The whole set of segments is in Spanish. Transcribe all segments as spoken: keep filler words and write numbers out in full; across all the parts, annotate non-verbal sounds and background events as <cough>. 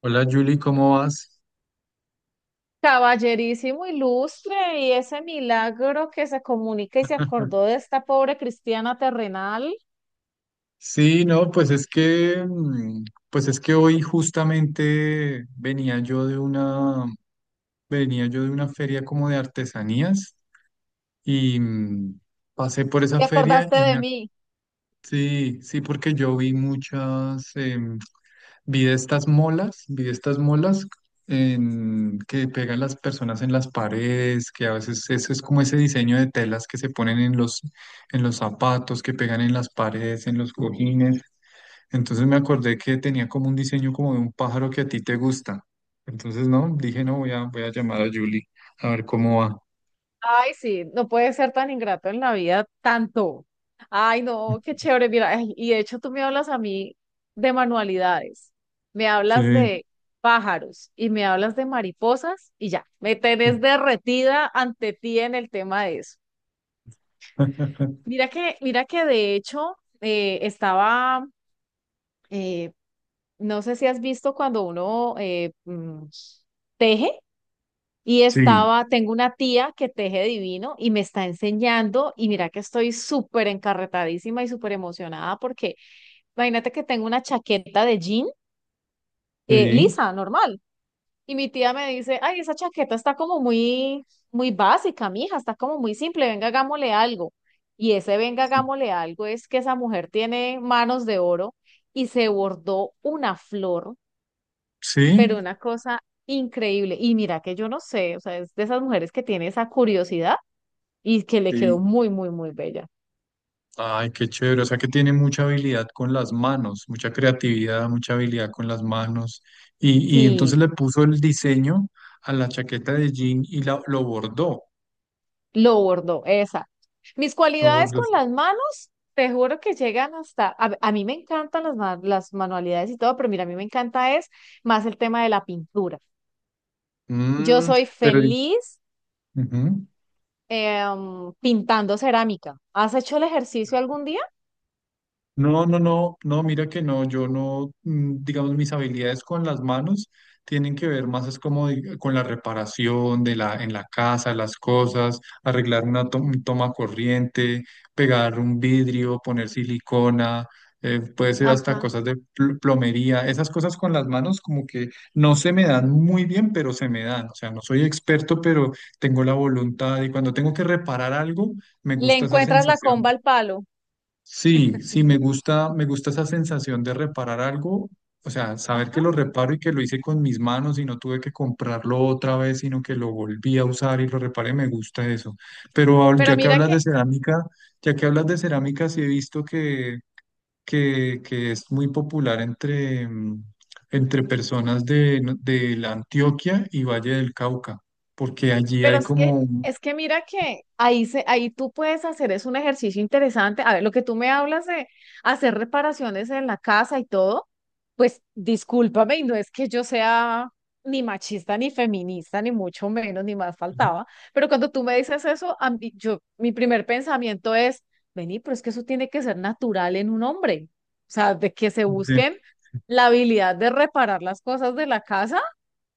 Hola Julie, ¿cómo vas? Caballerísimo ilustre, y ese milagro que se comunica y se acordó de esta pobre cristiana terrenal. Sí, no, pues es que, mm, pues es que hoy justamente venía yo de una, venía yo de una feria como de artesanías y mm, pasé por esa ¿Te feria acordaste y de me ac- mí? sí, sí, porque yo vi muchas, em, vi de estas molas, vi de estas molas en- que pegan las personas en las paredes, que a veces eso es como ese diseño de telas que se ponen en los, en los zapatos, que pegan en las paredes, en los cojines. Entonces me acordé que tenía como un diseño como de un pájaro que a ti te gusta. Entonces, no, dije, no, voy a, voy a llamar a Julie a ver cómo va. Ay, sí, no puede ser tan ingrato en la vida tanto. Ay, no, qué <laughs> chévere. Mira, ay, y de hecho tú me hablas a mí de manualidades, me Sí, hablas de pájaros y me hablas de mariposas y ya, me sí, tenés derretida ante ti en el tema de eso. <laughs> Mira que, mira que de hecho eh, estaba, eh, no sé si has visto cuando uno eh, mm, teje y sí, estaba, tengo una tía que teje divino y me está enseñando y mira que estoy súper encarretadísima y súper emocionada porque imagínate que tengo una chaqueta de jean eh, lisa, normal. Y mi tía me dice, ay, esa chaqueta está como muy, muy básica, mija, está como muy simple, venga, hagámosle algo. Y ese venga, sí, hagámosle algo es que esa mujer tiene manos de oro y se bordó una flor pero sí, una cosa increíble. Y mira que yo no sé, o sea, es de esas mujeres que tiene esa curiosidad y que le sí. quedó muy, muy, muy bella. Ay, qué chévere. O sea que tiene mucha habilidad con las manos, mucha creatividad, mucha habilidad con las manos. Y, y Sí, entonces le puso el diseño a la chaqueta de jean y la- lo bordó. lo bordó, esa. Mis Lo cualidades bordó. con las manos, te juro que llegan hasta, a, a mí me encantan las, ma- las manualidades y todo, pero mira, a mí me encanta es más el tema de la pintura. Yo Mm, soy pero, feliz ujú. em, pintando cerámica. ¿Has hecho el ejercicio algún día? No, no, no, no, mira que no, yo no, mm, digamos, mis habilidades con las manos tienen que ver más es como di- con la reparación de la, en la casa, las cosas, arreglar una to- un toma corriente, pegar un vidrio, poner silicona, eh, puede ser hasta Ajá. cosas de pl- plomería, esas cosas con las manos como que no se me dan muy bien, pero se me dan, o sea, no soy experto, pero tengo la voluntad y cuando tengo que reparar algo, me Le gusta esa encuentras la sensación. comba al palo. Sí, sí, me gusta, me gusta esa sensación de reparar algo, o sea, saber Ajá. que lo reparo y que lo hice con mis manos y no tuve que comprarlo otra vez, sino que lo volví a usar y lo reparé, me gusta eso. Pero ahor- Pero Ya que mira hablas que, de cerámica, ya que hablas de cerámica, sí he visto que, que, que es muy popular entre, mm, entre personas de, no- de la Antioquia y Valle del Cauca, porque allí pero hay es como, que, un- es que mira que ahí, se, ahí tú puedes hacer, es un ejercicio interesante. A ver, lo que tú me hablas de hacer reparaciones en la casa y todo, pues discúlpame, y no es que yo sea ni machista, ni feminista, ni mucho menos, ni más faltaba. Pero cuando tú me dices eso, a mí- yo, mi primer pensamiento es, vení, pero es que eso tiene que ser natural en un hombre. O sea, de que se de- busquen la habilidad de reparar las cosas de la casa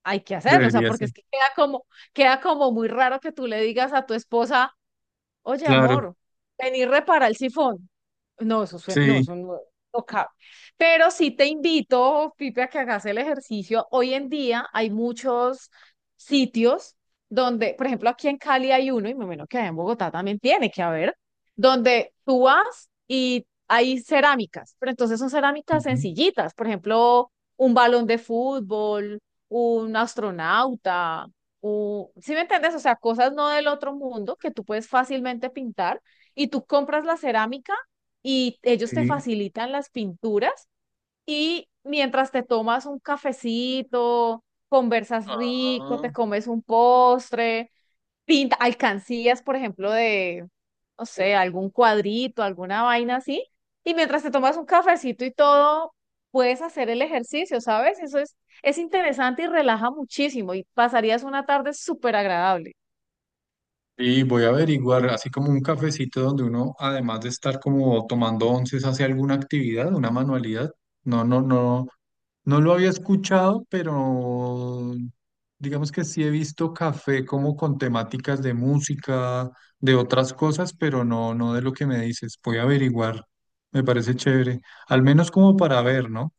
hay que hacerlo, o sea, debería porque ser, es que queda como, queda como muy raro que tú le digas a tu esposa, oye, claro, amor, vení, repara el sifón. No, eso suena, no, sí. eso no, no cabe. Pero sí te invito, Pipe, a que hagas el ejercicio. Hoy en día hay muchos sitios donde, por ejemplo, aquí en Cali hay uno, y me imagino que allá en Bogotá también tiene que haber, donde tú vas y hay cerámicas, pero entonces son cerámicas Ujú. sencillitas, por ejemplo, un balón de fútbol, un astronauta, o, ¿sí me entiendes? O sea, cosas no del otro mundo que tú puedes fácilmente pintar y tú compras la cerámica y ellos te Sí. facilitan las pinturas y mientras te tomas un cafecito, conversas rico, Ah, te comes un postre, pinta, alcancías, por ejemplo, de, no sé, algún cuadrito, alguna vaina así. Y mientras te tomas un cafecito y todo, puedes hacer el ejercicio, ¿sabes? Eso es, es interesante y relaja muchísimo y pasarías una tarde súper agradable. y voy a averiguar, así como un cafecito donde uno, además de estar como tomando onces, hace alguna actividad, una manualidad. No, no, no, no lo había escuchado, pero digamos que sí he visto café como con temáticas de música, de otras cosas, pero no, no de lo que me dices. Voy a averiguar, me parece chévere, al menos como para ver, ¿no?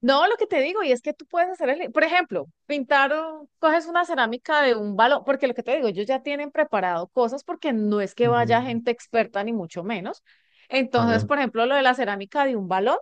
No, lo que te digo, y es que tú puedes hacer el, por ejemplo, pintar, un- coges una cerámica de un balón, porque lo que te digo, ellos ya tienen preparado cosas porque no es que vaya Mm, gente experta ni mucho menos. Entonces, claro. por ejemplo, lo de la cerámica de un balón.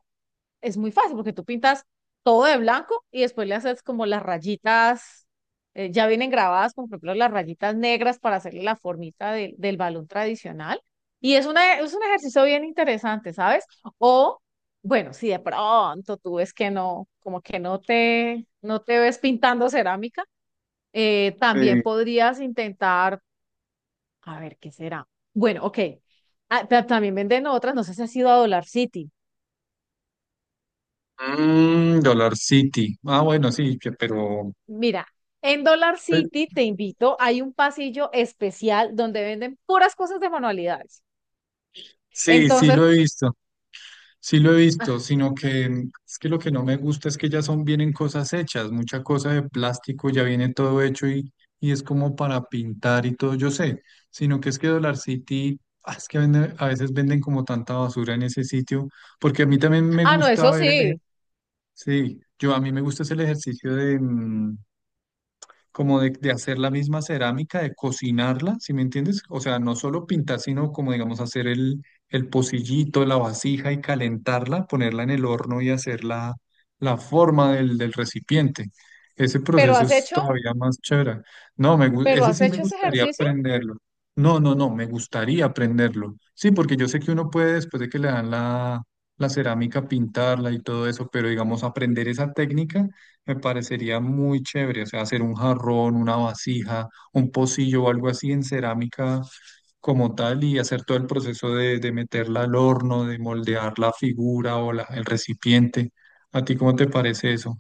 Es muy fácil porque tú pintas todo de blanco y después le haces como las rayitas, eh, ya vienen grabadas, como por ejemplo las rayitas negras para hacerle la formita del del balón tradicional. Y es, una, es un ejercicio bien interesante, ¿sabes? O, bueno, si de pronto tú ves que no, como que no te, no te ves pintando cerámica, eh, también Sí. podrías intentar, a ver, ¿qué será? Bueno, ok. Ah, pero también venden otras, no sé si has ido a Dollar City. Mm, Dollar City. Ah, bueno, sí, que- pero... Mira, en Dollar pues, City te invito, hay un pasillo especial donde venden puras cosas de manualidades. sí, sí Entonces, lo he visto, sí lo he visto, sino que mm, es que lo que no me gusta es que ya son, vienen cosas hechas, mucha cosa de plástico, ya viene todo hecho y, y es como para pintar y todo, yo sé, sino que es que Dollar City, ah, es que vende- a veces venden como tanta basura en ese sitio, porque a mí también me ah, no, gusta eso ver el, ejer- sí, sí, yo a mí me gusta es el ejercicio de, mm, como de, de hacer la misma cerámica, de cocinarla, ¿sí me entiendes? O sea, no solo pintar, sino como, digamos, hacer el, el pocillito, la vasija y calentarla, ponerla en el horno y hacer la, la forma del, del recipiente. Ese pero proceso has es hecho, todavía más chévere. No, me, gu- pero ese has sí me hecho ese gustaría ejercicio. aprenderlo. No, no, no, me gustaría aprenderlo. Sí, porque yo sé que uno puede, después de que le dan la, la cerámica, pintarla y todo eso, pero digamos, aprender esa técnica. Me parecería muy chévere, o sea, hacer un jarrón, una vasija, un pocillo o algo así en cerámica como tal y hacer todo el proceso de, de meterla al horno, de moldear la figura o la- el recipiente. ¿A ti cómo te parece eso?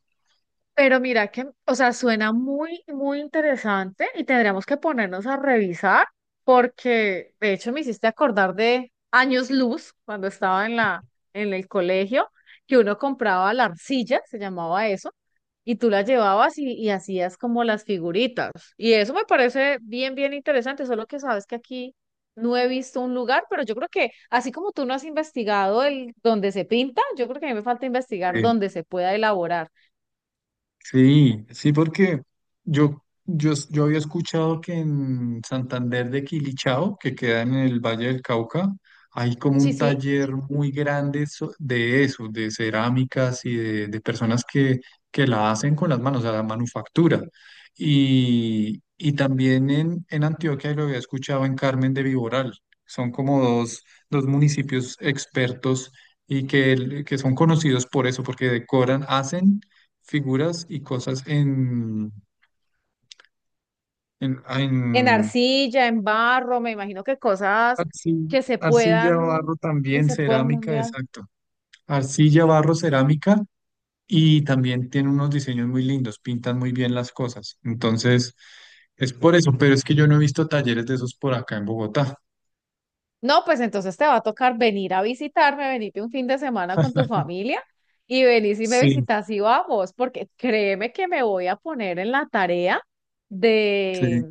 Pero mira que, o sea, suena muy, muy interesante y tendríamos que ponernos a revisar porque de hecho me hiciste acordar de años luz cuando estaba en la, en el colegio, que uno compraba la arcilla, se llamaba eso, y tú la llevabas y, y hacías como las figuritas. Y eso me parece bien, bien interesante, solo que sabes que aquí no he visto un lugar, pero yo creo que así como tú no has investigado el donde se pinta, yo creo que a mí me falta investigar Eh, dónde se pueda elaborar. Sí, sí, porque yo, yo, yo había escuchado que en Santander de Quilichao, que queda en el Valle del Cauca, hay como Sí, un sí. taller muy grande so- de eso, de cerámicas y de, de personas que, que la hacen con las manos, o sea, la manufactura. Y, y también en, en Antioquia, y lo había escuchado en Carmen de Viboral, son como dos, dos municipios expertos y que, que son conocidos por eso, porque decoran, hacen figuras y cosas en, en, En en arcilla, en barro, me imagino que cosas que arci- se arcilla, puedan, barro que también, se puedan cerámica, mundial. exacto. Arcilla, barro, cerámica y también tiene unos diseños muy lindos, pintan muy bien las cosas. Entonces, es por eso, pero es que yo no he visto talleres de esos por acá en Bogotá. No, pues entonces te va a tocar venir a visitarme, venirte un fin de semana con tu <laughs> familia y venís y me Sí, visitas y vamos, porque créeme que me voy a poner en la tarea sí. de,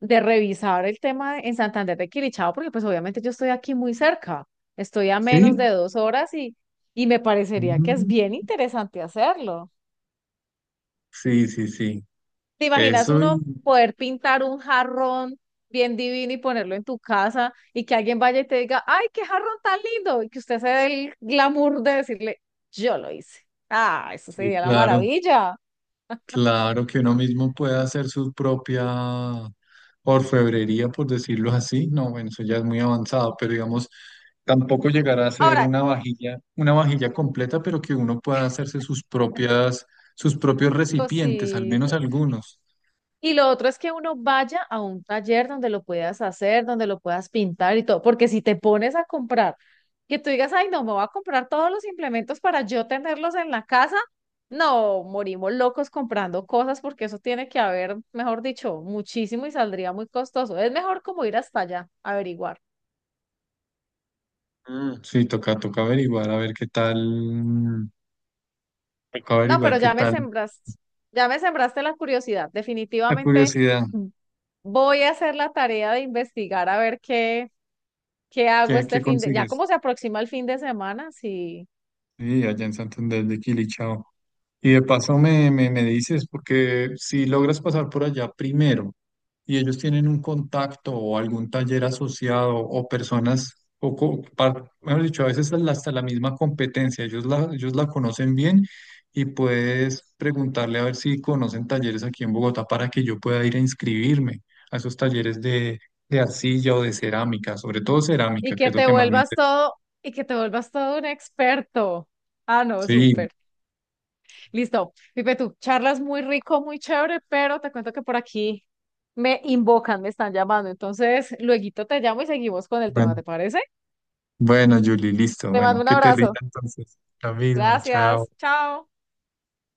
de revisar el tema en Santander de Quilichao, porque pues obviamente yo estoy aquí muy cerca, estoy a menos ¿Sí? de dos horas y, y me parecería que es Mm, bien interesante hacerlo. sí, sí, sí. ¿Te imaginas Eso y... uno poder pintar un jarrón bien divino y ponerlo en tu casa y que alguien vaya y te diga, ay, qué jarrón tan lindo? Y que usted se dé el glamour de decirle, yo lo hice. Ah, eso sí, sería la claro. maravilla. Claro que uno mismo puede hacer su propia orfebrería, por decirlo así. No, bueno, eso ya es muy avanzado, pero digamos, tampoco llegar a ser Ahora, una vajilla, una vajilla completa, pero que uno pueda hacerse sus propias, sus propios recipientes, al menos cositas. algunos. Y lo otro es que uno vaya a un taller donde lo puedas hacer, donde lo puedas pintar y todo, porque si te pones a comprar que tú digas, ay, no, me voy a comprar todos los implementos para yo tenerlos en la casa. No, morimos locos comprando cosas porque eso tiene que haber, mejor dicho, muchísimo y saldría muy costoso. Es mejor como ir hasta allá, averiguar. Mm, sí, toca, toca averiguar, a ver qué tal, toca No, averiguar pero qué ya me tal sembraste, ya me sembraste la curiosidad. la Definitivamente curiosidad, voy a hacer la tarea de investigar a ver qué, qué hago qué, este qué fin de, ya consigues. como se aproxima el fin de semana, sí. Sí, allá en Santander de Quilichao. Y de paso me, me, me dices, porque si logras pasar por allá primero y ellos tienen un contacto o algún taller asociado o personas, o, co- par- mejor dicho, a veces hasta la hasta la misma competencia, ellos la, ellos la conocen bien y puedes preguntarle a ver si conocen talleres aquí en Bogotá para que yo pueda ir a inscribirme a esos talleres de, de arcilla o de cerámica, sobre todo Y cerámica, que que es lo te que más me vuelvas interesa. todo, y que te vuelvas todo un experto. Ah, no, Sí, súper. Listo. Pipe, tú charlas muy rico, muy chévere, pero te cuento que por aquí me invocan, me están llamando. Entonces, luego te llamo y seguimos con el bueno, tema, ¿te parece? bueno, Julie, listo, Te mando bueno, un que te abrazo. rinda entonces. Lo mismo, chao. Gracias. Chao.